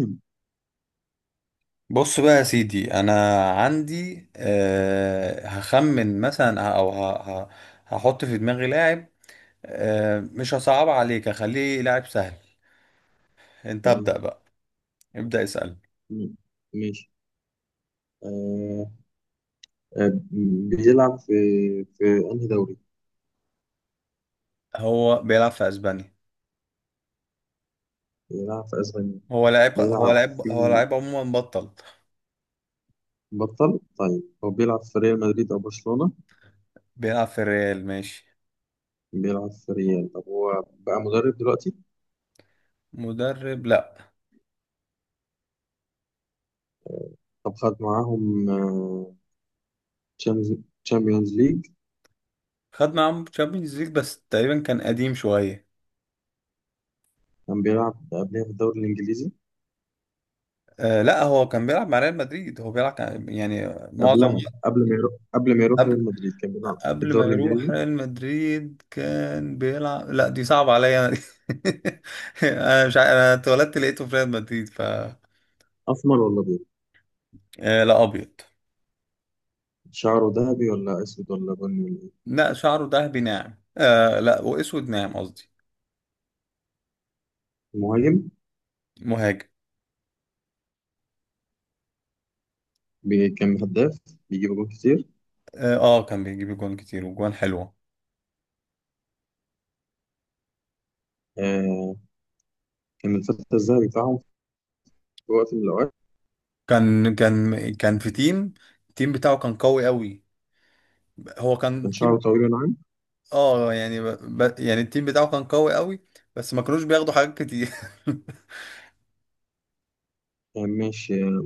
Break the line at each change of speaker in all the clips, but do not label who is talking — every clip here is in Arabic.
مم.
بص بقى يا سيدي، انا عندي هخمن مثلا او هحط في دماغي لاعب. مش هصعب عليك، هخليه لاعب سهل. انت
تمام.
ابدأ بقى، ابدأ اسأل.
مم. ماشي. آه، آه. بيلعب في في أنهي دوري؟
هو بيلعب في اسبانيا.
بيلعب في أسبانيا. بيلعب
هو
في
لاعب عموما بطل.
بطل. طيب، هو بيلعب في ريال مدريد أو برشلونة؟
بيلعب في الريال، ماشي.
بيلعب في ريال. طب هو بقى مدرب دلوقتي؟
مدرب، لا.
طب خد معاهم تشامبيونز ليج.
خد معاهم تشامبيونز ليج، بس تقريبا كان قديم شوية.
كان بيلعب قبلها في الدوري الإنجليزي.
أه لا، هو كان بيلعب مع ريال مدريد. هو بيلعب يعني معظم.
قبلها، قبل ما يروح
قبل
ريال مدريد كان بيلعب في
قبل ما
الدوري
يروح
الإنجليزي.
ريال مدريد كان بيلعب. لا، دي صعبة عليا انا دي. انا مش انا اتولدت لقيته في ريال مدريد، ف
أسمر ولا أبيض؟
آه لا، ابيض.
شعره ذهبي ولا أسود ولا بني ولا إيه؟
لا، شعره ذهبي ناعم، آه، لا، واسود ناعم قصدي.
مهاجم.
مهاجم.
كان هداف. بيجيب جول كتير.
اه، آه، كان بيجيب جوان كتير وجوان حلوة.
آه. كان الفتى الذهبي بتاعهم في وقت من الأوقات.
كان في تيم. التيم بتاعه كان قوي قوي. هو كان
كان
تيم.
شعره طويل وناعم.
اه، يعني يعني التيم بتاعه كان قوي قوي. بس ما كانوش بياخدوا حاجات كتير.
آه، ماشي، آه.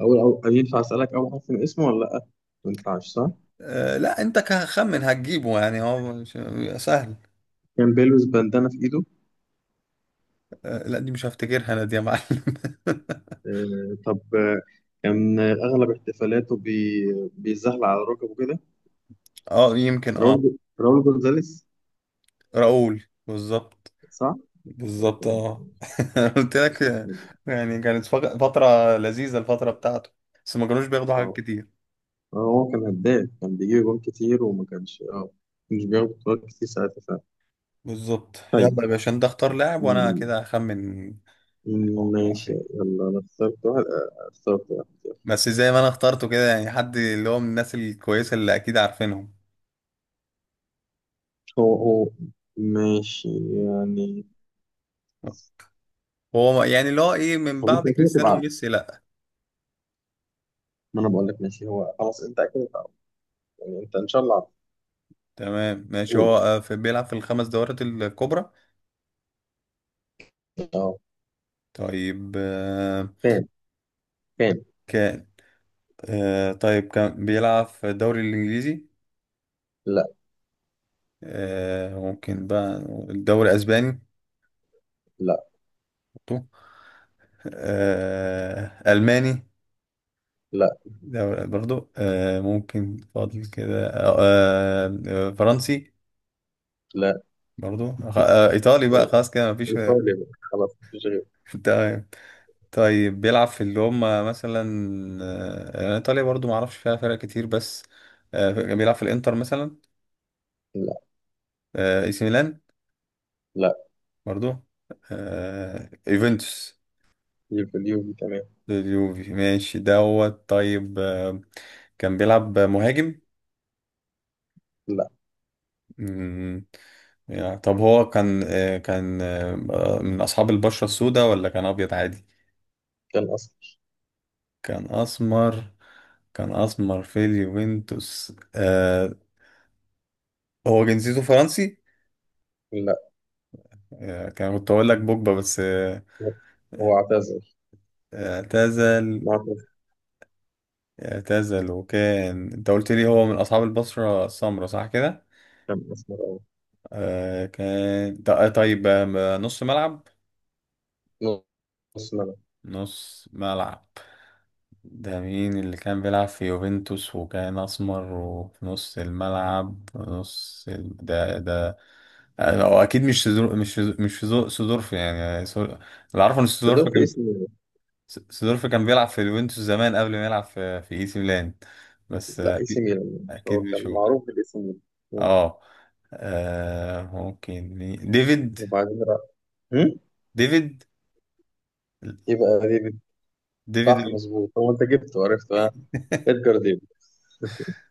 أول ينفع أسألك أول حرف من اسمه ولا لأ؟ ما ينفعش، صح؟
آه لا، انت كخمن هتجيبه يعني، هو مش سهل.
كان بيلبس بندانة في إيده.
آه لا، دي مش هفتكرها انا دي يا معلم.
آه، طب، آه. كان أغلب احتفالاته بيزحلق على ركبه كده.
اه، يمكن، اه.
راول جونزاليس.
راؤول، بالظبط.
صح؟
بالظبط، اه. قلت لك، آه، يعني كانت فترة لذيذة، الفترة بتاعته. بس ما كانوش بياخدوا حاجات
اه
كتير.
هو كان هداف، كان بيجيب جول كتير وما كانش مش بياخد بطولات كتير ساعتها.
بالظبط،
فعلا.
يلا يا باشا، انت اختار لاعب وانا
طيب.
كده هخمن. هو بيلعب
ماشي،
فين؟
يلا. أنا اخترت واحد، يلا.
بس زي ما انا اخترته كده، يعني حد اللي هو من الناس الكويسة اللي اكيد عارفينهم.
هو، ماشي يعني.
هو يعني اللي هو ايه، من
هو أنت
بعد
أكيد هتبقى
كريستيانو
عارف.
وميسي، لا.
ما أنا بقول لك، ماشي، هو خلاص أنت أكيد هتعرف. يعني أنت إن شاء الله عارف.
تمام، ماشي،
قول.
هو في بيلعب في الخمس دورات الكبرى.
أه
طيب،
فين، فين
كان طيب كان بيلعب في الدوري الإنجليزي.
لا
ممكن بقى الدوري الأسباني.
لا
برضو. ألماني.
لا
دوري برضو. ممكن فاضل كده. فرنسي.
لا.
برضو. إيطالي بقى،
أو،
خلاص كده مفيش.
إيطاليا بقى. خلاص مفيش غيره.
تمام. طيب، بيلعب في اللي هم مثلا. يعني ايطاليا برضو ما اعرفش فيها فرق كتير، بس بيلعب في الانتر مثلا.
لا.
اي سي ميلان.
لا،
برضو. يوفنتوس.
يبقى اليوفي كمان.
اليوفي، ماشي، دوت. طيب، كان بيلعب مهاجم.
لا.
مم، يعني طب هو كان من اصحاب البشرة السوداء ولا كان ابيض عادي؟
كان أصفر.
كان اسمر. كان اسمر في اليوفنتوس، هو جنسيته فرنسي.
لا.
كان كنت اقول لك بوجبا، بس
هو هو اعتزل.
اعتزل.
معتزل.
اعتزل. وكان انت قلت لي هو من اصحاب البصرة السمراء، صح كده؟
كان أسمر.
كان طيب، نص ملعب.
أه، نص ملعب.
نص ملعب. ده مين اللي كان بيلعب في يوفنتوس وكان اسمر وفي نص الملعب، ده. هو اكيد مش سدورف، يعني اللي عارفه ان
بس
سدورف
دول في
كان.
اسم.
سيدورف كان بيلعب في اليوفنتوس زمان، قبل ما يلعب في اي سي ميلان. بس
لا، اي سي
اكيد.
ميلان مش
اكيد
هو،
مش
كان
هو.
معروف بالاي سي ميلان. مم.
اه. ممكن ديفيد.
وبعدين راح. هم؟
ديفيد.
يبقى ديفيد.
ديفيد
صح، مظبوط، هو انت جبته عرفته، ها. ادجار ديفيد.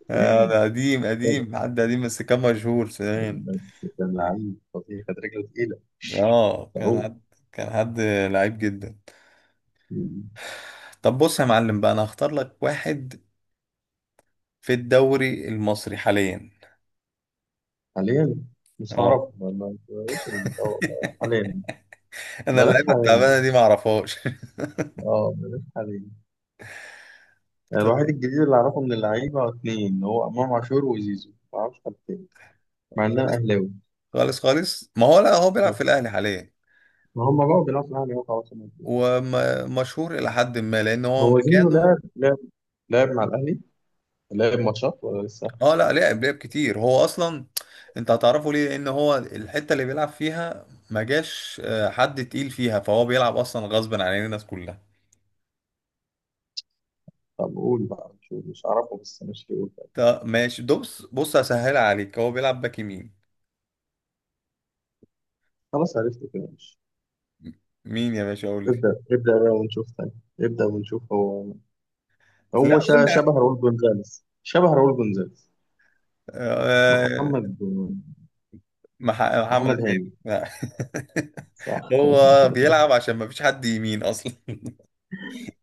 آه، ده قديم قديم، حد قديم، بس كان مشهور زمان.
بس كان لعيب فظيع، كانت رجله تقيله.
اه،
صاروخ.
كان حد. كان حد لعيب جدا.
مم.
طب بص يا معلم بقى، انا هختار لك واحد في الدوري المصري حاليا.
حاليا. مش
اه.
هعرف، ما ما- بلاش ال- آه، بلاش حاليا.
انا
بلاش
اللعيبه
حاليا.
التعبانه دي ما اعرفهاش.
اه، بلاش حاليا. يعني الواحد الجديد اللي اعرفه من اللعيبه اثنين هو امام عاشور وزيزو، ما اعرفش حد تاني. مع ان
طيب.
انا اهلاوي.
خالص خالص، ما هو لا، هو بيلعب في الاهلي حاليا.
ما هم بقوا بيلعبوا في الاهلي، هو خلاص هما كده.
ومشهور الى حد ما، لان هو
هو زيزو
مكانه.
لعب مع الاهلي. لعب ماتشات ولا لسه؟
اه لا، لعب كتير، هو اصلا. انت هتعرفه ليه، لان هو الحته اللي بيلعب فيها ما جاش حد تقيل فيها، فهو بيلعب اصلا غصب عن الناس كلها.
طب قول بقى، مش أعرفه، بس مش، قول بقى.
طب ماشي، بص بص هسهلها عليك، هو بيلعب باك يمين.
خلاص عرفت كده، مش.
مين يا باشا؟ قول لي.
ابدأ ابدأ بقى ونشوف تاني. ابدأ ونشوف. هو
لا،
هو
قول لي.
شبه راؤول جونزاليز، شبه راؤول جونزاليز.
آه،
محمد.
محمد
محمد هاني.
هاني، لا.
صح.
هو بيلعب عشان ما فيش حد يمين اصلا.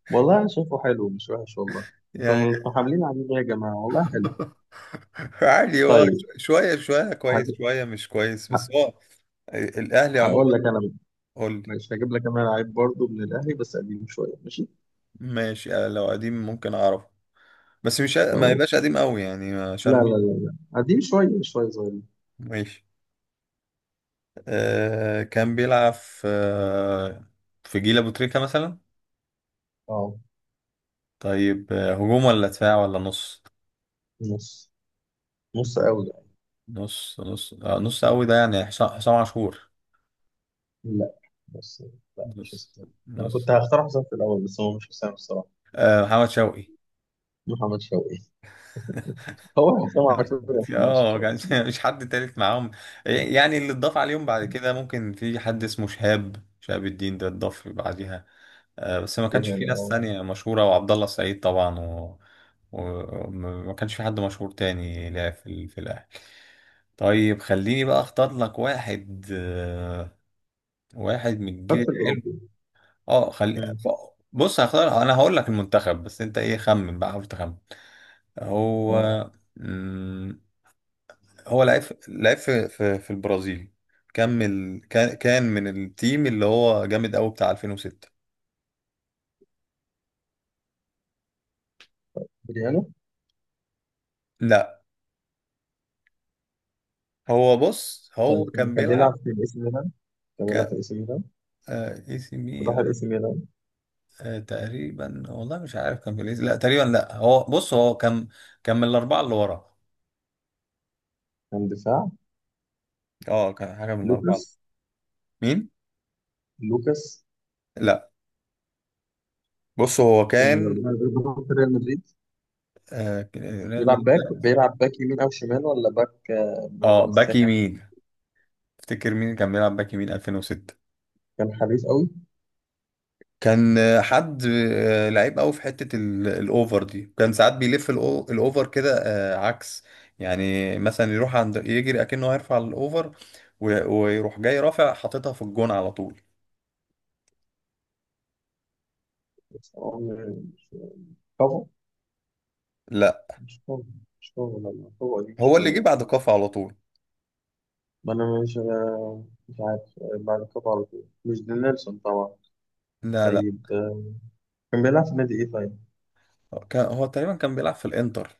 والله أنا شايفه حلو، مش وحش والله. انتوا
يعني.
متحاملين عليه ليه يا جماعة، والله حلو.
عادي، هو
طيب.
شوية شوية كويس،
هج-
شوية مش كويس، بس
ه-
هو الأهلي عموما.
هقول لك أنا بقى.
قول لي.
ماشي، هجيب لك أنا لعيب برضه من الأهلي، بس قديم شوية، ماشي.
ماشي. لو قديم ممكن أعرفه. بس مش
طب
ما يبقاش
أوكي.
قديم قوي يعني،
لا
عشان
لا لا لا. قديم شوية، شوية صغير.
ماشي. كان بيلعب في جيل أبو تريكة مثلا.
اه،
طيب. هجوم ولا دفاع ولا نص؟
نص نص قوي
نص.
بقى.
نص قوي، ده يعني حسام عاشور.
لا، بس لا، مش
نص
حسام. انا كنت
نص
هختار حسام في الاول، بس هو مش حسام الصراحه.
آه محمد شوقي.
محمد شوقي. هو حسام عاشور يا محمد
اه،
شوقي.
مش حد تالت معاهم. يعني اللي اتضاف عليهم بعد كده، ممكن في حد اسمه شهاب الدين ده، اتضاف بعديها. بس ما كانش
يعني
في ناس
اه.
تانية مشهورة، وعبد الله السعيد طبعا، و... وما كانش في حد مشهور تاني، لا في الأهلي. طيب، خليني بقى اختار لك واحد، واحد من
خد
الجيل
في
الحلو.
الاوروبي.
اه، خلي
مم.
بص، هختار انا، هقول لك المنتخب، بس انت ايه، خمن بقى، حاول تخمن. هو
طيب،
هو لعب في البرازيل. كمل. كان من التيم اللي هو جامد قوي، بتاع 2006.
بريانو.
لا، هو بص، هو
طيب لما
كان
كان بيلعب
بيلعب
في الاي سي ميلان. كان
ك
بيلعب في الاي سي ميلان.
آه، اي سي
راح الاي
ميلان.
سي ميلان.
تقريبا والله مش عارف كان في لا، تقريبا لا، هو بص، هو كان. كان من الاربعه اللي ورا.
كان دفاع.
اه، كان حاجه من الاربعه.
لوكاس.
مين؟
لوكاس.
لا. بص، هو
كان من
كان
الاربعه اللي بيلعبوا في ريال مدريد.
ريال مدريد، لا.
بيلعب باك يمين او شمال، ولا باك، ولا
اه، باك
مساك.
يمين. افتكر، مين كان بيلعب باك يمين 2006؟
كان حريف قوي.
كان حد لعيب قوي في حتة الاوفر دي، كان ساعات بيلف الاوفر كده عكس. يعني مثلا، يروح عند، يجري اكنه هيرفع الاوفر، ويروح جاي رافع حاططها في الجون على طول.
بس هو
لا،
مش فاهم، مش فاهم والله، هو دي
هو اللي جه
شوية.
بعد كافو على طول.
ما أنا مش عارف، بعد كده على طول، مش دي نيلسون طبعا.
لا، لا،
طيب، كان بيلعب في نادي إيه طيب؟
كان هو تقريبا كان بيلعب في الانتر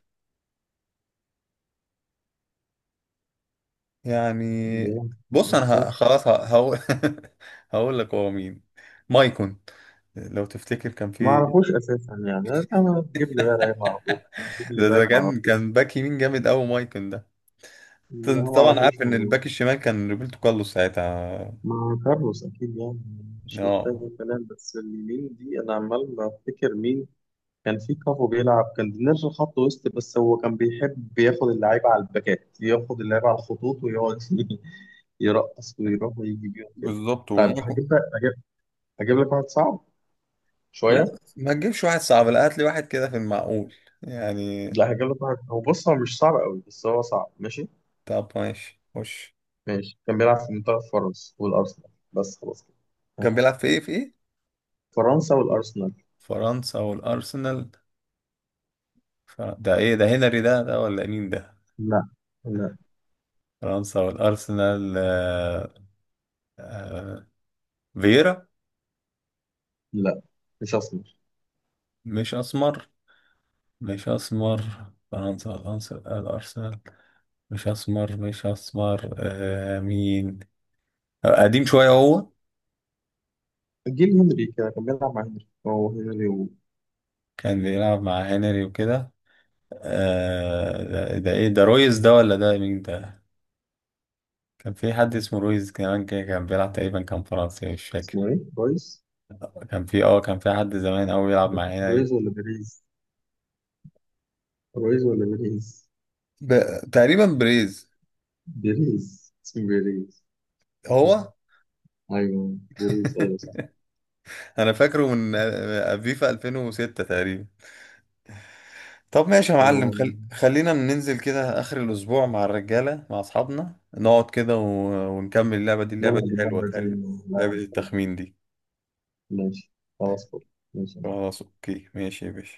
يعني.
كان بيلعب في
بص انا
الإنتر.
خلاص هقول. هقول لك هو مين. مايكون. لو تفتكر كان
ما
في.
أعرفوش أساسا يعني. أنا تجيب لي بقى لعيب ما أعرفوش، تجيب لي
ده
باك ما
كان
أعرفوش.
كان باك يمين جامد قوي، مايكون ده.
لا،
انت
ما
طبعا
أعرفوش
عارف ان
والله.
الباك الشمال كان روبرتو كارلوس ساعتها.
مع كارلوس أكيد يعني، مش محتاج
اه،
الكلام، بس اليمين دي أنا عمال بفتكر مين. كان في كافو بيلعب، كان نرجع خط وسط، بس هو كان بيحب ياخد اللعيبة على الباكات، ياخد اللعيبة على الخطوط، ويقعد يرقص ويروح ويجي بيهم كده.
بالظبط،
طيب
وما
هجيب لك واحد صعب
لا،
شوية.
ما تجيبش واحد صعب. لا، هات لي واحد كده في المعقول يعني.
لا، هجيب لك واحد، هو بص، هو مش صعب قوي بس هو صعب، ماشي.
طب ماشي، خش.
ماشي، كان بيلعب في منتخب فرنسا والأرسنال، بس خلاص كده. ها.
كان بيلعب في ايه، في ايه؟
فرنسا والأرسنال.
فرنسا والارسنال. ده ايه ده، هنري ده ولا مين ده؟
لا. لا،
فرنسا والارسنال، آه... فييرا.
لا مش أسمر.
مش اسمر. مش اسمر. فرنسا والارسنال، الارسنال. مش اسمر، مش اسمر، مين؟ قديم شوية هو.
جيل هنري كده، كان بيلعب مع هنري، هو هنري.
كان بيلعب مع هنري وكده. ده ايه ده، رويز ده ولا ده مين ده؟ كان في حد اسمه رويز كمان كده، كان بيلعب تقريبا، كان فرنسي، مش
اسمه
فاكر.
ايه؟ رويس.
كان في حد زمان قوي بيلعب مع هنري.
رويز ولا بيريز؟ رويز ولا بيريز؟
ب... تقريبا بريز.
بيريز، اسمه بيريز. مم.
هو.
أيوه بيريز، أيوه صح.
انا فاكره من فيفا 2006 تقريبا. طب ماشي يا معلم،
هو.
خلينا ننزل كده آخر الأسبوع مع الرجالة، مع أصحابنا، نقعد كده و... ونكمل اللعبة دي، اللعبة
نلعب
دي حلوة
اللعبة دي.
حلوة.
لا.
لعبة التخمين دي.
ماشي. خلاص، فل. ماشي يا معلم.
خلاص، أوكي، ماشي يا باشا.